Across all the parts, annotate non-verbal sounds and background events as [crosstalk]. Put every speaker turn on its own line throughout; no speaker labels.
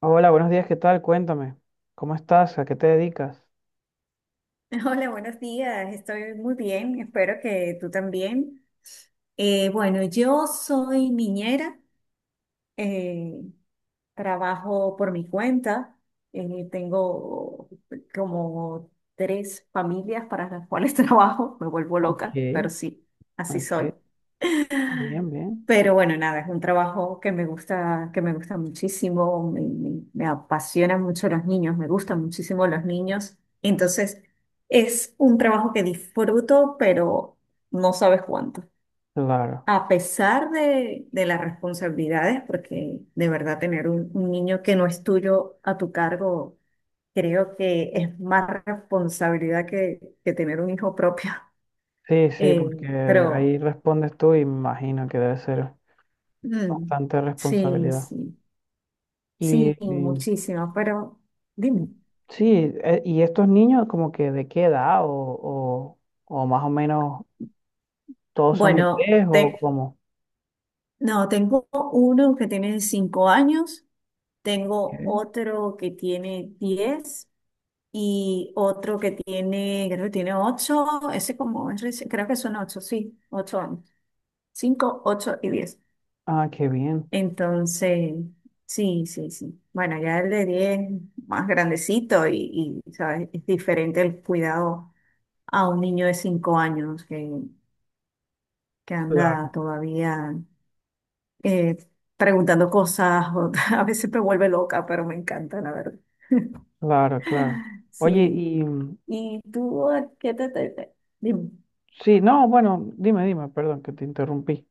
Hola, buenos días, ¿qué tal? Cuéntame, ¿cómo estás? ¿A qué te dedicas?
[laughs] Hola, buenos días. Estoy muy bien. Espero que tú también. Bueno, yo soy niñera. eh, Trabajo por mi cuenta. Tengo como tres familias para las cuales [laughs] trabajo. Me vuelvo
Ok,
loca, pero sí, así soy.
ok, bien, bien,
Pero bueno, nada, es un trabajo que me gusta muchísimo. Me apasionan mucho los niños, me gustan muchísimo los niños. Entonces, es un trabajo que disfruto, pero no sabes cuánto.
claro.
A pesar de las responsabilidades, porque de verdad tener un niño que no es tuyo a tu cargo, creo que es más responsabilidad que tener un hijo propio. [laughs]
Sí, sí, porque
Pero,
ahí respondes tú y me imagino que debe ser
mm.
bastante
Sí,
responsabilidad.
sí.
Y,
Sí,
y
muchísimo, pero dime.
sí, ¿y estos niños como que de qué edad o más o menos todos son
Bueno,
bebés o cómo?
no, tengo uno que tiene 5 años, tengo
Ok.
otro que tiene 10 y otro que tiene, creo que tiene 8, ese como, creo que son 8, sí, 8 años. 5, 8 y 10.
Ah, qué bien.
Entonces, sí, sí, sí. Bueno, ya el de 10, más grandecito, ¿sabes? Es diferente el cuidado a un niño de 5 años que anda
Claro.
todavía, eh, preguntando cosas, [laughs] a veces me vuelve loca, pero me encanta, la verdad.
Claro, claro. Oye,
Sí. ¿Y tú a qué dime?
sí, no, bueno, dime, dime, perdón que te interrumpí.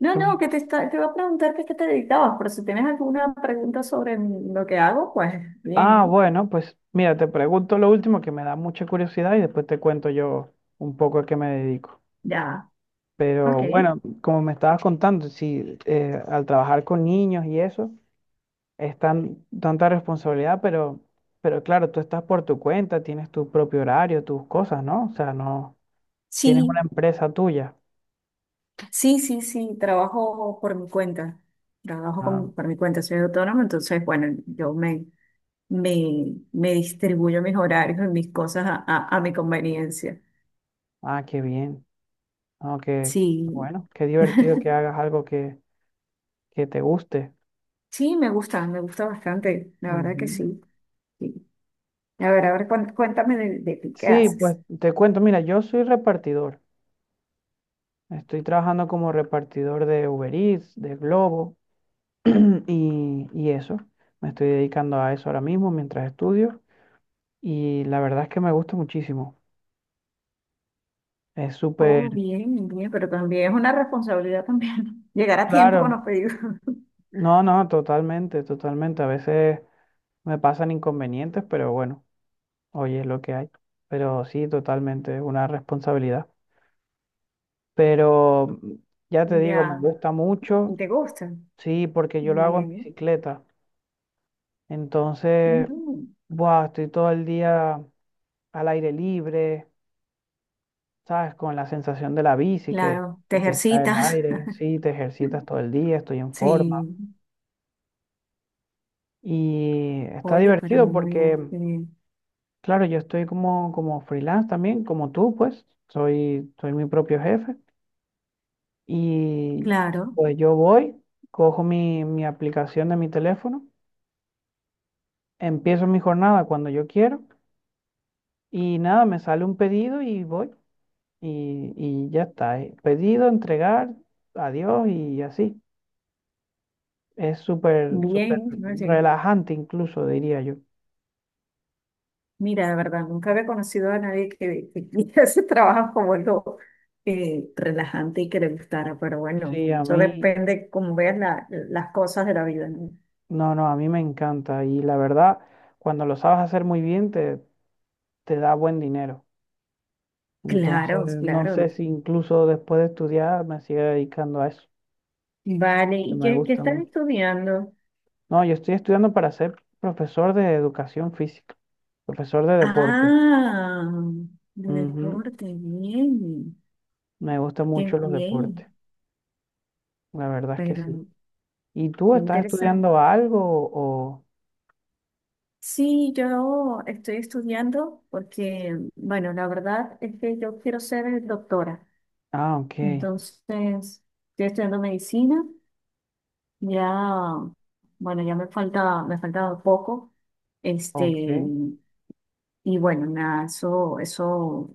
No, no, te iba a preguntar que a qué te dedicabas, pero si tienes alguna pregunta sobre lo que hago, pues
Ah,
bien,
bueno, pues mira, te pregunto lo último que me da mucha curiosidad y después te cuento yo un poco a qué me dedico.
ya, ok.
Pero bueno, como me estabas contando, sí, al trabajar con niños y eso, es tanta responsabilidad, pero claro, tú estás por tu cuenta, tienes tu propio horario, tus cosas, ¿no? O sea, no, tienes una
Sí,
empresa tuya.
sí, sí, sí, trabajo por mi cuenta, trabajo
Ah,
por mi cuenta, soy autónoma. Entonces, bueno, yo me distribuyo mis horarios y mis cosas a mi conveniencia.
ah, qué bien. No,
Sí,
bueno, qué divertido que hagas algo que te guste.
sí, me gusta bastante, la verdad que
Ujú.
sí. Sí. A ver, cuéntame de ti, ¿qué
Sí, pues
haces?
te cuento, mira, yo soy repartidor. Estoy trabajando como repartidor de Uber Eats, de Globo [clears throat] y eso. Me estoy dedicando a eso ahora mismo mientras estudio y la verdad es que me gusta muchísimo. Es
Oh,
súper
bien, bien, pero también es una responsabilidad también [laughs] llegar a tiempo con los
claro.
pedidos. [laughs]
No, no, totalmente, totalmente. A veces me pasan inconvenientes, pero bueno, hoy es lo que hay. Pero sí, totalmente, es una responsabilidad. Pero ya te digo, me
Ya,
gusta
¿y
mucho,
te gusta?
sí, porque yo lo hago en
Bien.
bicicleta. Entonces,
Mm,
buah, estoy todo el día al aire libre, ¿sabes? Con la sensación de la bici que,
claro, te
que te cae el
ejercitas.
aire, sí, te ejercitas
[laughs]
todo el día, estoy en
Sí,
forma. Y está
oye, pero
divertido porque,
muy,
claro, yo estoy como freelance también, como tú, pues, soy mi propio jefe. Y
claro,
pues yo voy, cojo mi aplicación de mi teléfono, empiezo mi jornada cuando yo quiero y nada, me sale un pedido y voy. Y ya está. Pedido, entregar, adiós y así. Es súper, súper
bien, ¿no?
relajante incluso, diría yo.
Mira, de verdad, nunca había conocido a nadie que [laughs] hiciera ese trabajo como algo relajante y que le gustara, pero bueno,
Sí, a
eso
mí,
depende cómo veas las cosas de la vida, ¿no?
no, no, a mí me encanta y la verdad, cuando lo sabes hacer muy bien, te da buen dinero. Entonces,
Claro,
no sé
claro.
si incluso después de estudiar me sigue dedicando a eso,
Vale,
que
¿y
me
qué
gusta
estás
mucho.
estudiando?
No, yo estoy estudiando para ser profesor de educación física, profesor de deporte.
Ah, de
Ujú.
deporte, bien,
Me gustan
qué
mucho los deportes,
bien,
la verdad es que
pero
sí. ¿Y tú
qué
estás
interesante.
estudiando algo o...?
Sí, yo estoy estudiando porque, bueno, la verdad es que yo quiero ser doctora.
Ah, ok,
Entonces, estoy estudiando medicina, ya. Bueno, ya me falta poco, este,
ok.
y bueno, nada, eso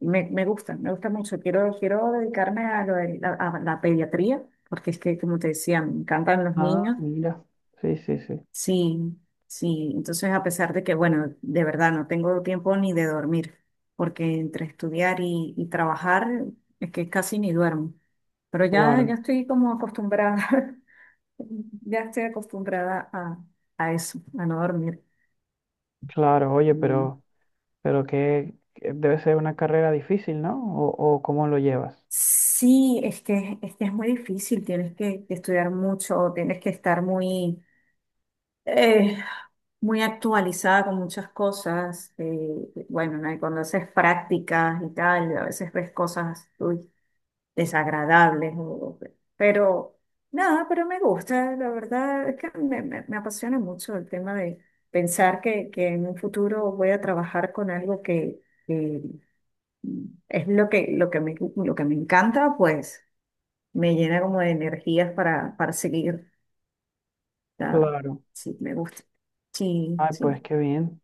me gusta, me gusta mucho. Quiero dedicarme a la pediatría, porque es que, como te decía, me encantan los
Ah,
niños.
mira. Sí, sí, sí.
Sí, sí. Entonces, a pesar de que, bueno, de verdad no tengo tiempo ni de dormir, porque entre estudiar y trabajar es que casi ni duermo. Pero ya, ya
Claro,
estoy como acostumbrada, [laughs] ya estoy acostumbrada a eso, a no dormir.
claro. Oye,
Mm.
pero que debe ser una carrera difícil, ¿no? ¿O, cómo lo llevas?
Sí, es que es muy difícil, tienes que estudiar mucho, tienes que estar eh, muy actualizada con muchas cosas. Bueno, ¿no? Y cuando haces prácticas y tal, a veces ves cosas, uy, desagradables. Pero nada, pero me gusta. La verdad es que me apasiona mucho el tema de pensar que en un futuro voy a trabajar con algo que es lo que me encanta, pues me llena como de energías para seguir. ¿Sabes?
Claro.
Sí, me gusta. Sí,
Ay,
sí.
pues qué bien,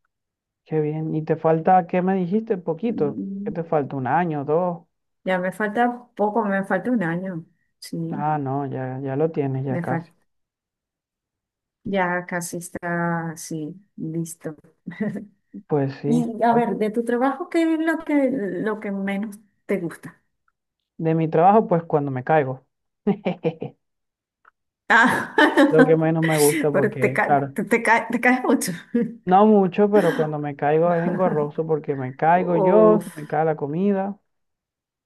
qué bien. ¿Y te falta, qué me dijiste? Poquito. ¿Qué
Mm.
te falta? ¿Un año, dos?
Ya me falta poco, me falta un año. Sí,
Ah, no, ya, ya lo tienes, ya
me
casi.
falta. Ya casi está, sí, listo. [laughs]
Pues sí.
Y a
Oye,
ver, de tu trabajo, ¿qué es lo que menos te gusta?
de mi trabajo, pues cuando me caigo. [laughs] Lo que
Ah,
menos me gusta
[laughs] pero te,
porque,
ca-
claro.
te, te ca- te caes mucho.
No mucho, pero cuando me caigo es
[laughs]
engorroso porque me caigo yo, se
Uf.
me cae la comida.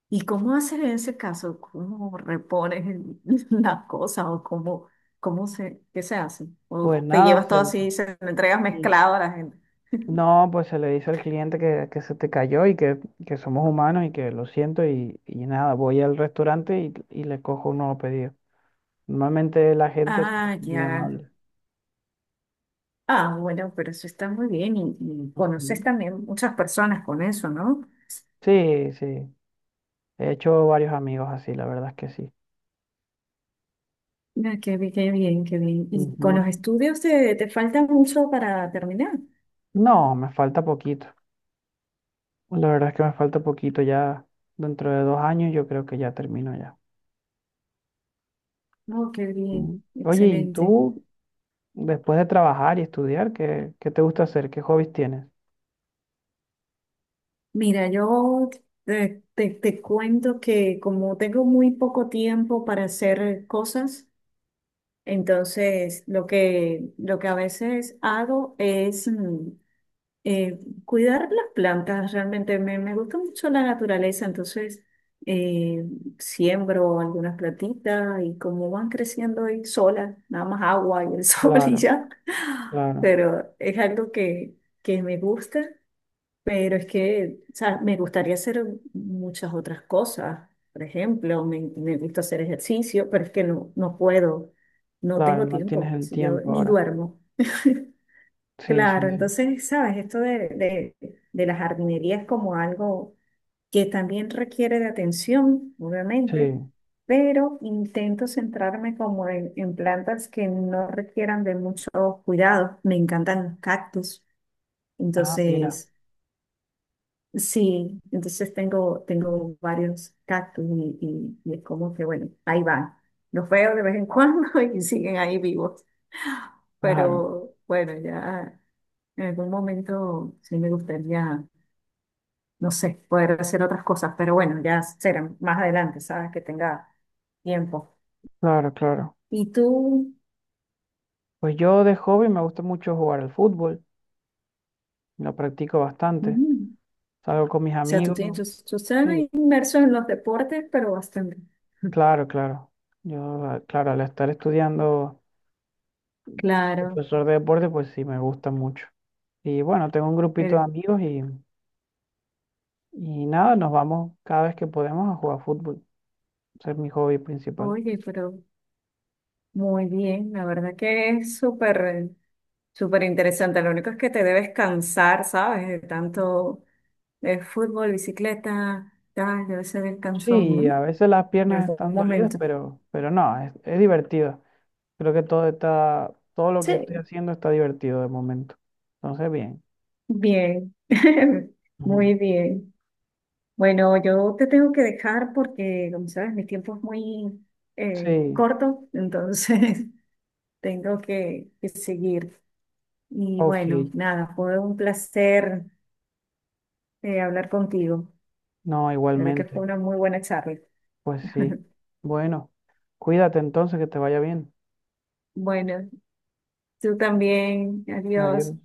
¿Y cómo haces en ese caso? ¿Cómo repones [laughs] las cosas o qué se hace? ¿O
Pues
te
nada,
llevas todo así y se lo entregas
y-
mezclado a la gente?
no, pues se le dice al cliente que, se te cayó y que, somos humanos y que lo siento y nada, voy al restaurante y le cojo un nuevo pedido. Normalmente la gente
Ah,
es muy
ya.
amable.
Ah, bueno, pero eso está muy bien y conoces
Ujú.
también muchas personas con eso, ¿no?
Sí, sí, he hecho varios amigos así, la verdad es que sí.
Ah, qué bien, qué bien, qué bien. ¿Y con los
Ujú.
estudios te falta mucho para terminar?
No, me falta poquito. La verdad es que me falta poquito ya. Dentro de 2 años yo creo que ya termino ya.
No, qué
Mm.
bien,
Oye, ¿y
excelente.
tú, después de trabajar y estudiar, qué te gusta hacer? ¿Qué hobbies tienes?
Mira, yo te cuento que como tengo muy poco tiempo para hacer cosas, entonces lo que a veces hago es eh, cuidar las plantas. Realmente me gusta mucho la naturaleza, entonces eh, siembro algunas plantitas y como van creciendo ahí solas, nada más agua y el [laughs] sol y
Claro,
ya,
claro,
pero es algo que me gusta, pero es que, o sea, me gustaría hacer muchas otras cosas, por ejemplo, me gusta hacer ejercicio, pero es que no, no puedo, no
claro,
tengo
no tienes
tiempo,
el
si yo
tiempo
ni
ahora.
duermo. [laughs]
Sí, sí,
Claro.
sí.
Entonces, sabes, esto de la jardinería es como algo que también requiere de atención,
Sí.
obviamente, pero intento centrarme como en plantas que no requieran de mucho cuidado. Me encantan los cactus.
Ah, mira,
Entonces, sí, entonces tengo varios cactus y es como que, bueno, ahí van. Los veo de vez en cuando [laughs] y siguen ahí vivos,
claro,
pero bueno, ya. En algún momento sí me gustaría, no sé, poder hacer otras cosas, pero bueno, ya será más adelante, ¿sabes? Que tenga tiempo.
claro, claro.
Y tú,
Pues yo de hobby me gusta mucho jugar al fútbol, lo practico bastante.
mm,
Salgo con mis
o sea, tú
amigos.
tienes, tú, tú estás
Sí,
inmerso en los deportes, pero bastante. [laughs]
claro, claro. Yo, ah, claro, al estar estudiando
Claro,
profesor de deporte, pues sí, me gusta mucho. Y bueno, tengo un grupito de
el,
amigos y nada, nos vamos cada vez que podemos a jugar fútbol. Ese es mi hobby principal.
oye, pero muy bien, la verdad que es súper, súper interesante. Lo único es que te debes cansar, ¿sabes? De tanto, de fútbol, bicicleta, tal, debe ser el cansón,
Sí,
¿no?
a veces las
En
piernas
algún
están dolidas,
momento.
pero no, es divertido. Creo que todo lo que estoy
Sí.
haciendo está divertido de momento. Entonces, bien.
Bien, [laughs]
Ujú.
muy bien. Bueno, yo te tengo que dejar porque, como sabes, mi tiempo es muy,
Sí,
corto, entonces [laughs] tengo que seguir. Y bueno,
ok.
nada, fue un placer, hablar contigo.
No,
La verdad que fue
igualmente.
una muy buena charla.
Pues sí.
[laughs]
Bueno, cuídate entonces, que te vaya bien.
Bueno, tú también. Adiós.
Adiós.